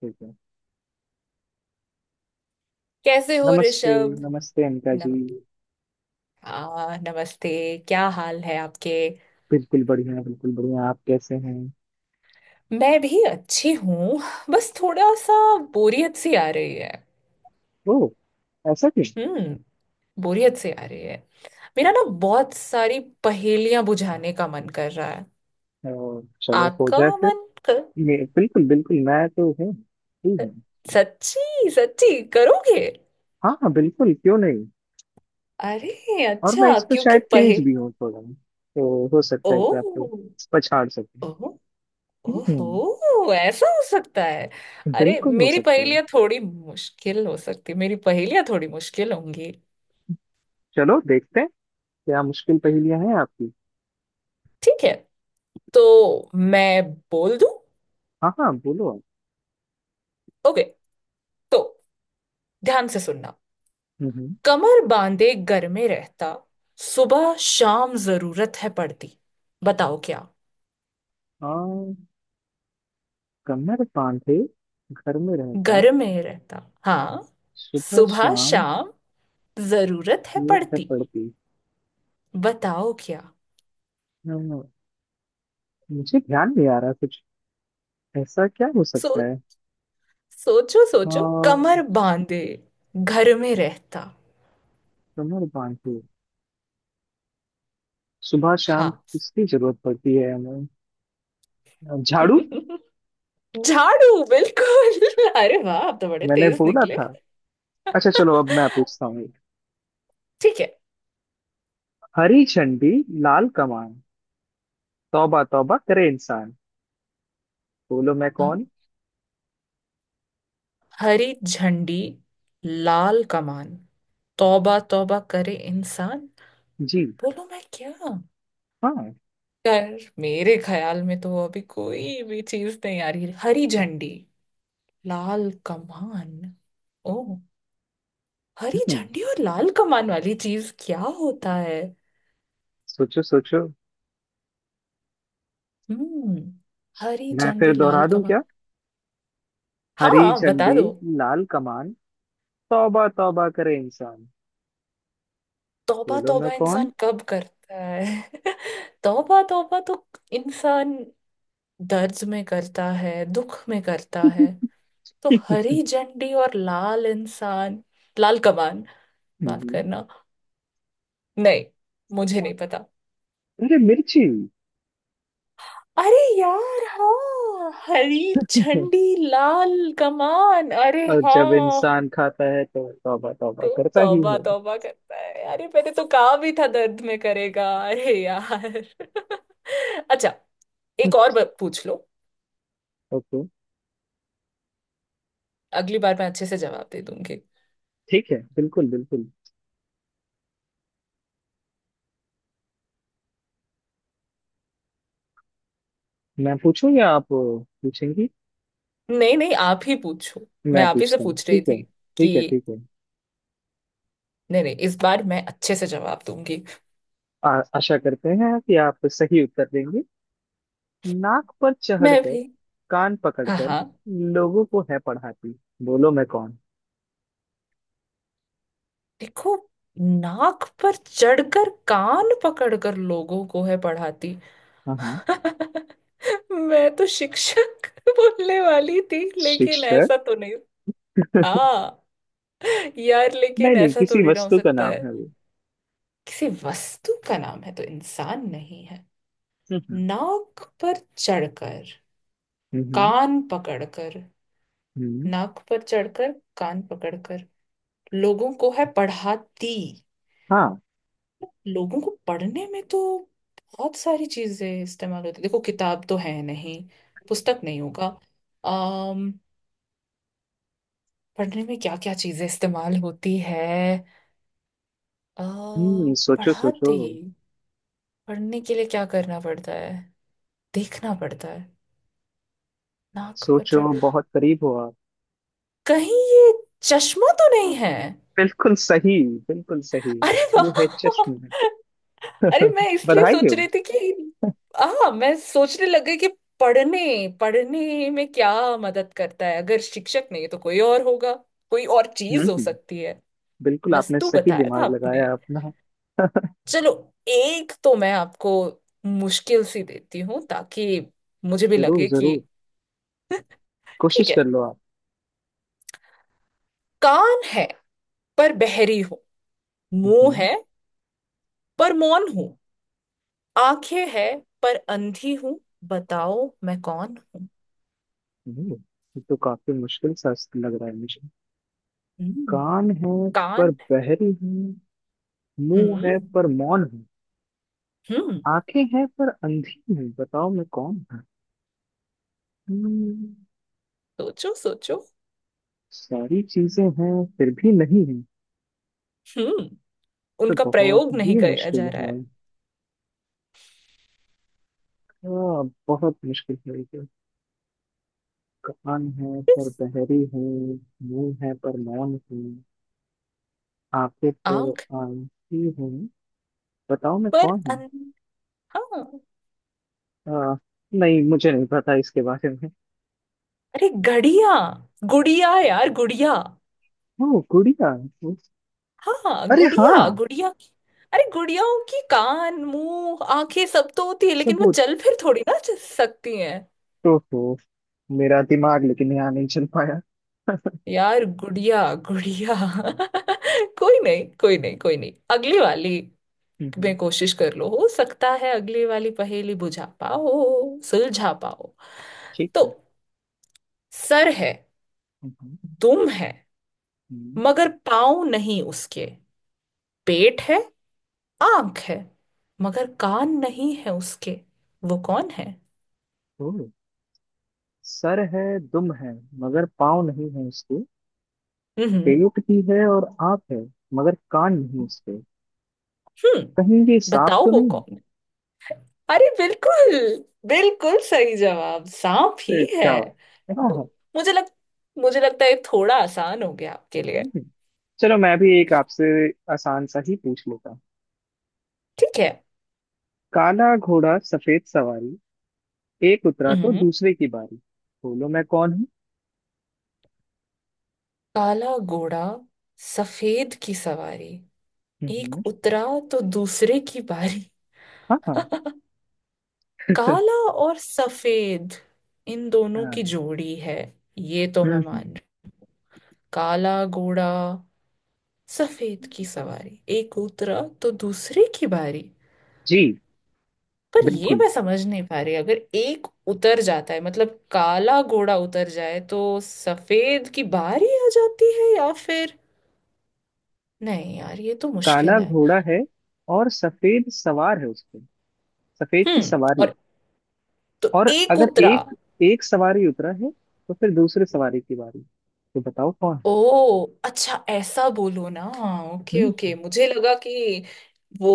ठीक है। कैसे हो, नमस्ते। ऋषभ। नमस्ते अनका जी। नम नमस्ते। क्या हाल है आपके। बिल्कुल बढ़िया, बिल्कुल बढ़िया, आप कैसे हैं? मैं भी अच्छी हूँ। बस थोड़ा सा बोरियत सी आ रही है। ओ, ऐसा क्यों? हम्म। बोरियत सी आ रही है। मेरा ना बहुत सारी पहेलियां बुझाने का मन कर रहा है। ओ, चलो हो आपका जाए फिर। मन कर। बिल्कुल बिल्कुल, मैं तो हूँ ही हूँ। सच्ची सच्ची करोगे। हाँ हाँ, बिल्कुल, क्यों नहीं। अरे और मैं अच्छा, इस पे क्योंकि शायद तेज पहे भी हूँ थोड़ा, तो हो ओ। सकता है कि आपको पछाड़ सकूं। ओ। हम्म हम्म। ओहो, ऐसा हो सकता है। अरे, बिल्कुल हो सकता है। मेरी पहेलियां थोड़ी मुश्किल होंगी। चलो देखते हैं क्या मुश्किल पहेलियां हैं आपकी। ठीक है, तो मैं बोल दूं। हाँ हाँ, बोलो आप। ओके, तो ध्यान से सुनना। हम्म हम्म। कमर बांधे घर में रहता, सुबह शाम जरूरत है पड़ती, बताओ क्या। आ, कमर बांधे घर में रहता, घर में रहता, हाँ। सुबह सुबह शाम शाम जरूरत है जरूरत है पड़ती। पड़ती। बताओ क्या। हाँ, मुझे ध्यान नहीं आ रहा कुछ। ऐसा क्या हो सो सकता है? सोचो सोचो, हाँ, कमर बांधे घर में रहता। कमर बांधे सुबह शाम हाँ। किसकी जरूरत पड़ती है हमें? झाड़ू! झाड़ू, बिल्कुल। अरे वाह, आप तो बड़े मैंने तेज बोला निकले। था। अच्छा चलो, अब मैं पूछता हूँ। ठीक है। हरी झंडी, लाल कमान, तौबा तौबा करे इंसान, बोलो मैं हाँ, कौन? हरी झंडी, लाल कमान, तौबा तौबा करे इंसान, जी। बोलो मैं क्या। हाँ। यार, मेरे ख्याल में तो अभी कोई भी चीज नहीं आ रही। हरी झंडी, लाल कमान। ओ। हरी हम्म, झंडी और लाल कमान वाली चीज क्या होता है। सोचो सोचो। हम्म। हरी मैं फिर झंडी, लाल दोहरा दूं कमान। क्या? हरी हाँ, बता झंडी, दो। लाल कमान, तौबा तौबा करे इंसान, तौबा बोलो मैं तौबा कौन? इंसान कब करता है? तौबा तौबा तो इंसान दर्द में करता है, दुख में करता है। तो हरी झंडी और लाल कमान। माफ करना। नहीं, मुझे नहीं पता। अरे मिर्ची! अरे यार, हाँ, हरी झंडी, लाल कमान, अरे और जब हाँ। इंसान खाता है तो तौबा तौबा तो करता ही तौबा है। तौबा करता है। अरे, मैंने तो कहा भी था दर्द में करेगा। अरे यार। अच्छा। एक और पूछ लो। ओके। अगली बार मैं अच्छे से जवाब दे दूंगी। ठीक है, बिल्कुल बिल्कुल। मैं पूछूं या आप पूछेंगी? नहीं नहीं, आप ही पूछो। मैं मैं आप ही से पूछता हूँ, पूछ रही ठीक है थी ठीक कि, है ठीक है। नहीं नहीं, इस बार मैं अच्छे से जवाब दूंगी। आ, आशा करते हैं कि आप सही उत्तर देंगे। नाक पर मैं चढ़कर, भी। कान हाँ पकड़कर, हाँ। लोगों को है पढ़ाती, बोलो मैं कौन? देखो, नाक पर चढ़कर कान पकड़कर लोगों को है पढ़ाती। हाँ हाँ। मैं तो शिक्षक बोलने वाली थी, लेकिन शिक्षक? ऐसा तो नहीं। हाँ। यार, लेकिन नहीं नहीं, ऐसा किसी थोड़ी ना हो वस्तु का सकता नाम है। है वो। किसी वस्तु का नाम है, तो इंसान नहीं है। हम्म। नाक पर चढ़कर हम्म हम्म, कान पकड़कर। हम्म, नाक पर चढ़कर कान पकड़कर लोगों को है पढ़ाती। हाँ। लोगों को पढ़ने में तो बहुत सारी चीजें इस्तेमाल होती। देखो, किताब तो है नहीं। पुस्तक नहीं होगा। अम पढ़ने में क्या क्या चीजें इस्तेमाल होती है। अ हम्म, सोचो सोचो। पढ़ाती। पढ़ने के लिए क्या करना पड़ता है? देखना पड़ता है। नाक पर चढ़। सोचो, बहुत करीब हो आप। कहीं ये चश्मा तो नहीं है? बिल्कुल सही, बिल्कुल सही। अरे वाह। ये है चश्म। अरे, मैं इसलिए बधाई सोच हो। रही थी कि। हाँ, मैं सोचने लग गई कि पढ़ने पढ़ने में क्या मदद करता है। अगर शिक्षक नहीं, तो कोई और होगा। कोई और हम्म चीज हो हम्म, सकती है। बिल्कुल आपने वस्तु सही बताया था दिमाग आपने। लगाया अपना। चलो, एक तो मैं आपको मुश्किल सी देती हूँ, ताकि मुझे भी जरूर लगे कि। जरूर, कोशिश ठीक कर है। लो आप। कान है पर बहरी हूं, मुंह हम्म है पर मौन हूं, आंखें है पर अंधी हूं, बताओ मैं कौन हूँ। हम्म, ये तो काफी मुश्किल सा लग रहा है मुझे। हम्म। कान है पर कान। बहरी हूँ, मुंह हम्म है पर मौन हूँ, हम्म, आंखें हैं पर अंधी हूँ, बताओ मैं कौन हूँ? हम्म, सोचो सोचो। सारी चीजें हैं फिर भी नहीं हूँ, हम्म तो उनका बहुत प्रयोग नहीं ही किया मुश्किल जा रहा है। है। हाँ, बहुत मुश्किल है ये। कान है पर किस। बहरी हूँ, मुंह है पर मौन हूँ, आंखें पर आंख। आंखी हूँ, बताओ मैं पर कौन हूँ? अन... हाँ। आ, नहीं मुझे नहीं पता इसके बारे में। अरे, घड़िया गुड़िया, यार, गुड़िया। ओ गुड़िया! उस- हाँ, अरे हाँ, गुड़िया गुड़िया अरे, गुड़ियाओं की कान मुंह आंखें सब तो होती है, लेकिन वो सबूत चल फिर थोड़ी ना सकती हैं। तो हो। मेरा दिमाग लेकिन यहाँ नहीं चल पाया। यार, गुड़िया गुड़िया। कोई नहीं, कोई नहीं, कोई नहीं, अगली वाली हम्म, में कोशिश कर लो, हो सकता है अगली वाली पहेली बुझा पाओ, सुलझा पाओ। ठीक तो है। सर है, हम्म, दुम है, हम्म, मगर पाँव नहीं उसके, पेट है, आंख है, मगर कान नहीं है उसके, वो कौन है। ओ। सर है दुम है मगर पाँव नहीं है उसके, हम्म। पेट भी है और आँख है मगर कान नहीं उसके। हम्म। कहीं ये सांप बताओ तो वो नहीं? कौन है। अरे बिल्कुल, बिल्कुल सही जवाब, सांप ही ए, है। क्या बात। हाँ मु- हाँ। मुझे लग मुझे लगता है ये थोड़ा आसान हो गया आपके लिए। हम्म। चलो मैं भी एक आपसे आसान सा ही पूछ लेता हूँ। ठीक है। काला घोड़ा सफेद सवारी, एक उतरा तो हम्म। दूसरे की बारी, बोलो मैं कौन हूँ? काला घोड़ा, सफेद की सवारी, हम्म, एक हम्म। उतरा तो दूसरे की बारी। हाँ हाँ। काला और सफेद, इन दोनों की हाँ। जोड़ी है, ये तो मैं हम्म हम्म। मान रही। काला घोड़ा, सफेद की सवारी, एक उतरा तो दूसरे की बारी। जी। पर ये बिल्कुल, मैं समझ नहीं पा रही, अगर एक उतर जाता है, मतलब काला घोड़ा उतर जाए तो सफेद की बारी आ जाती है, या फिर। नहीं यार, ये तो काला मुश्किल है। घोड़ा है और सफेद सवार है उस पे, सफेद की हम्म। सवारी। और तो और एक अगर उतरा। एक, एक सवारी उतरा है तो फिर दूसरे सवारी की बारी। तो बताओ कौन ओ है? अच्छा, ऐसा बोलो ना। ओके हम्म। ओके, मुझे लगा कि वो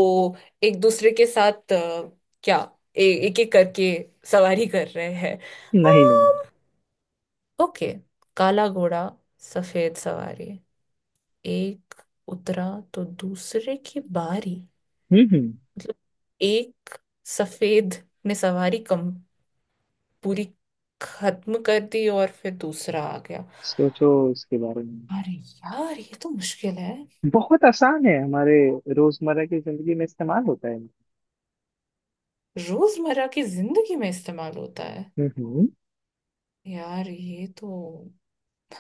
एक दूसरे के साथ क्या, एक एक करके सवारी कर रहे हैं नहीं नहीं। अम्म, ओके। काला घोड़ा, सफेद सवारी, एक उतरा तो दूसरे की बारी, हम्म हम्म। मतलब एक सफेद ने सवारी कम, पूरी खत्म कर दी और फिर दूसरा आ गया। सोचो उसके बारे में। अरे यार, ये तो मुश्किल है। बहुत आसान है, हमारे रोजमर्रा की जिंदगी में इस्तेमाल होता है। रोजमर्रा की जिंदगी में इस्तेमाल होता है। हम्म। यार ये तो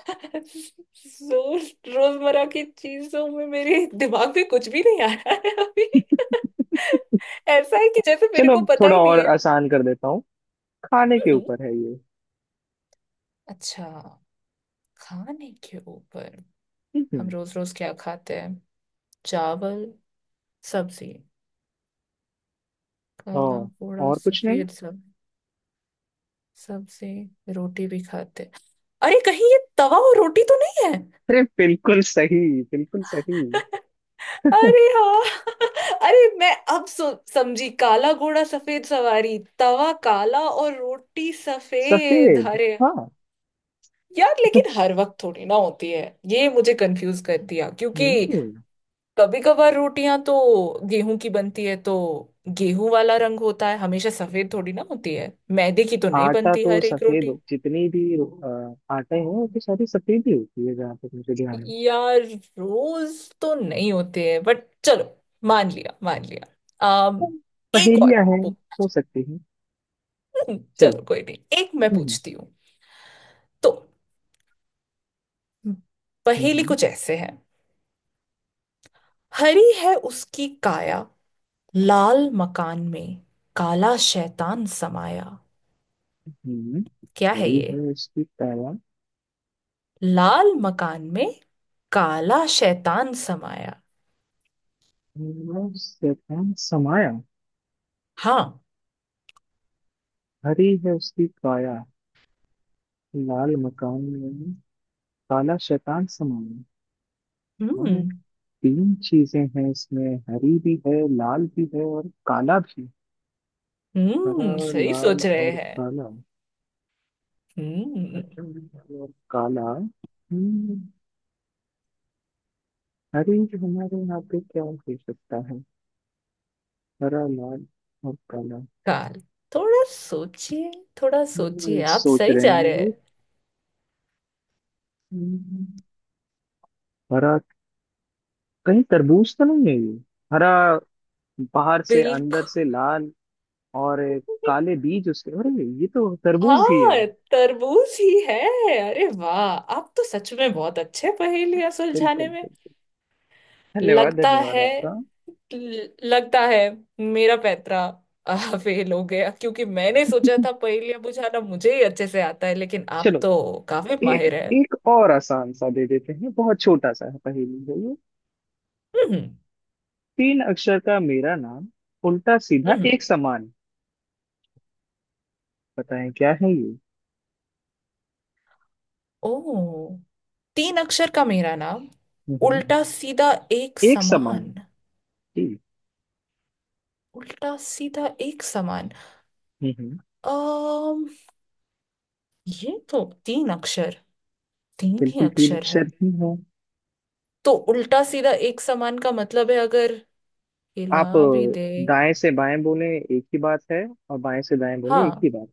जोर, रोजमर्रा की चीजों में मेरे दिमाग में कुछ भी नहीं आ रहा है अभी। ऐसा है कि जैसे मेरे चलो को अब पता थोड़ा ही नहीं और है। आसान कर देता हूँ, खाने के हम्म, ऊपर है ये। अच्छा। खाने के ऊपर। हम हम्म। रोज रोज क्या खाते हैं? चावल, सब्जी, काला और? पोड़ा और कुछ नहीं। सफेद सब, सब्जी, रोटी भी खाते हैं। अरे कहीं ये तवा और रोटी तो नहीं है? अरे बिल्कुल सही, बिल्कुल सही। अरे हाँ। अरे मैं अब सो समझी, काला घोड़ा सफेद सवारी, तवा काला और रोटी सफेद, सफेद, अरे। हाँ। यार लेकिन हर वक्त थोड़ी ना होती है। ये मुझे कंफ्यूज कर दिया, क्योंकि नहीं, कभी कभार रोटियां तो गेहूं की बनती है, तो गेहूं वाला रंग होता है, हमेशा सफेद थोड़ी ना होती है। मैदे की तो नहीं आटा बनती तो हर एक सफेद रोटी। हो- जितनी भी आटे हैं वो तो सारी सफेद ही होती है जहाँ तक मुझे ध्यान है। यार, रोज तो नहीं होते हैं, बट चलो, मान लिया मान लिया। अम तो एक पहेलियाँ और। हैं, हो सकती हैं। चलो। चलो कोई नहीं, एक मैं हम्म पूछती हूँ। तो। हम्म, हम्म। पहेली कुछ ऐसे है। हरी है उसकी काया, लाल मकान में काला शैतान समाया। हम्म, क्या है बड़ी ये? है इसकी पैरा। लाल मकान में काला शैतान समाया। नीरव शैतान समाया। हाँ। हरी है उसकी काया, लाल मकान में काला शैतान समाया। और हम्म तीन चीजें हैं इसमें, हरी भी है, लाल भी है और काला भी। हरा, सही लाल सोच रहे और हैं। काला। हम्म। हरा लाल और काला। हम्म, हरी। हमारे यहाँ पे क्या हो सकता है? हरा, लाल और काला। काल थोड़ा सोचिए, थोड़ा सोचिए, आप सोच सही रहे हैं जा हम रहे हैं। लोग। हम्म, हरा। कहीं तरबूज तो नहीं है ये, हरा बाहर से, अंदर बिल्कुल। से लाल और काले बीज उसके। अरे ये तो तरबूज ही हाँ, है! तरबूज ही है। अरे वाह, आप तो सच में बहुत अच्छे पहेलियां सुलझाने बिल्कुल में। बिल्कुल, धन्यवाद लगता धन्यवाद है, आपका। लगता है मेरा पैतरा फेल हो गया, क्योंकि मैंने सोचा था पहेलियां बुझाना मुझे ही अच्छे से आता है, लेकिन आप चलो तो काफी एक, माहिर है। एक और आसान सा दे देते हैं, बहुत छोटा सा है पहेली है ये। हम्म, तीन अक्षर का मेरा नाम, उल्टा सीधा हम्म। एक समान, बताएं क्या है ये? ओ। तीन अक्षर का मेरा नाम, हम्म। उल्टा सीधा एक एक समान। समान। जी। उल्टा सीधा एक समान। हम्म। अम ये तो तीन ही बिल्कुल, तीन अक्षर अक्षर है। ही है। तो उल्टा सीधा एक समान का मतलब है, अगर हिला आप भी दे। दाएं से बाएं बोले एक ही बात है और बाएं से दाएं बोले एक ही हाँ। बात,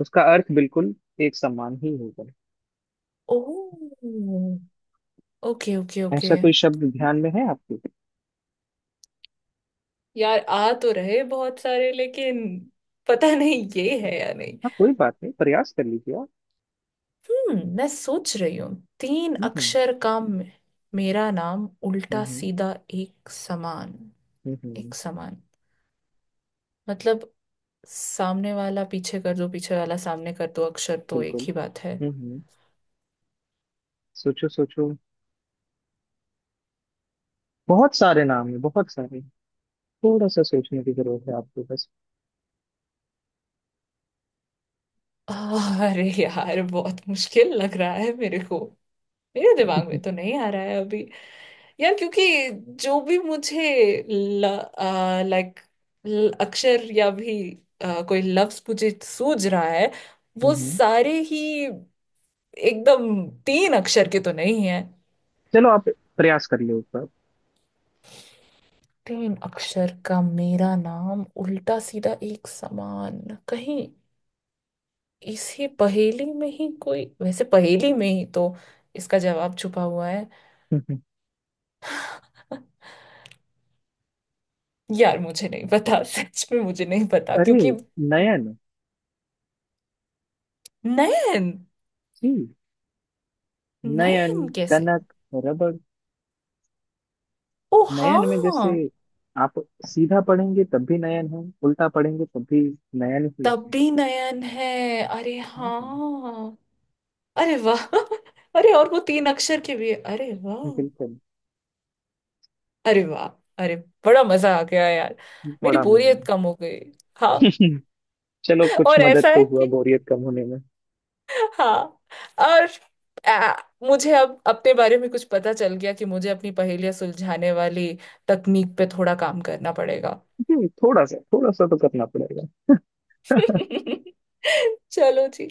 उसका अर्थ बिल्कुल एक समान ही होगा। Oh, okay okay okay. ऐसा कोई शब्द ध्यान में है आपके? यार आ तो रहे बहुत सारे, लेकिन पता नहीं ये है या नहीं। हाँ कोई बात नहीं, प्रयास कर लीजिए आप। मैं सोच रही हूँ। तीन हम्म अक्षर का मेरा नाम हम्म। उल्टा सीधा एक समान। हम्म, हम्म, एक समान मतलब, सामने वाला पीछे कर दो, पीछे वाला सामने कर दो, अक्षर तो एक बिल्कुल। ही बात है। हम्म हम्म, सोचो सोचो। बहुत सारे नाम है बहुत सारे, थोड़ा सा सोचने की जरूरत है आपको बस। अरे यार, बहुत मुश्किल लग रहा है मेरे को। मेरे दिमाग में तो नहीं आ रहा है अभी। यार, क्योंकि जो भी मुझे, लाइक, अक्षर या भी कोई लफ्ज मुझे सूझ रहा है, हम्म वो हम्म, सारे ही एकदम तीन अक्षर के तो नहीं है। चलो आप प्रयास कर लो एक बार। तीन अक्षर का मेरा नाम, उल्टा सीधा एक समान। कहीं इसी पहेली में ही, कोई वैसे पहेली में ही तो इसका जवाब छुपा हुआ। हम्म, हम्म। यार मुझे नहीं पता। सच में मुझे नहीं पता, अरे, क्योंकि। नयन। नयन। जी। नयन, नयन कैसे? कनक, रबड़। ओ नयन हाँ। में जैसे आप सीधा पढ़ेंगे तब भी नयन है, उल्टा पढ़ेंगे तब भी नयन ही तब है। भी नयन है। अरे हम्म, हम्म, हाँ। अरे वाह। अरे और वो तीन अक्षर के भी है। अरे वाह। बिल्कुल। अरे वाह। अरे, बड़ा मजा आ गया यार, मेरी बड़ा मजा है। बोरियत कम हो गई। हाँ। चलो कुछ और मदद ऐसा तो है हुआ कि। बोरियत कम होने में। हाँ। और आ, मुझे अब अपने बारे में कुछ पता चल गया कि मुझे अपनी पहेलियां सुलझाने वाली तकनीक पे थोड़ा काम करना पड़ेगा। जी, थोड़ा सा तो करना पड़ेगा। चलो जी।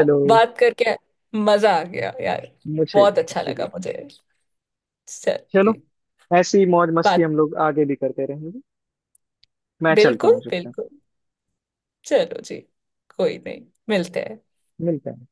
अब बात करके मजा आ गया यार। मुझे भी बहुत अच्छा मुझे भी। लगा मुझे। सर। चलो, जी। ऐसी मौज मस्ती बात। हम लोग आगे भी करते रहेंगे। मैं चलता हूँ बिल्कुल जब तक। बिल्कुल। चलो जी। कोई नहीं, मिलते हैं। मिलते हैं।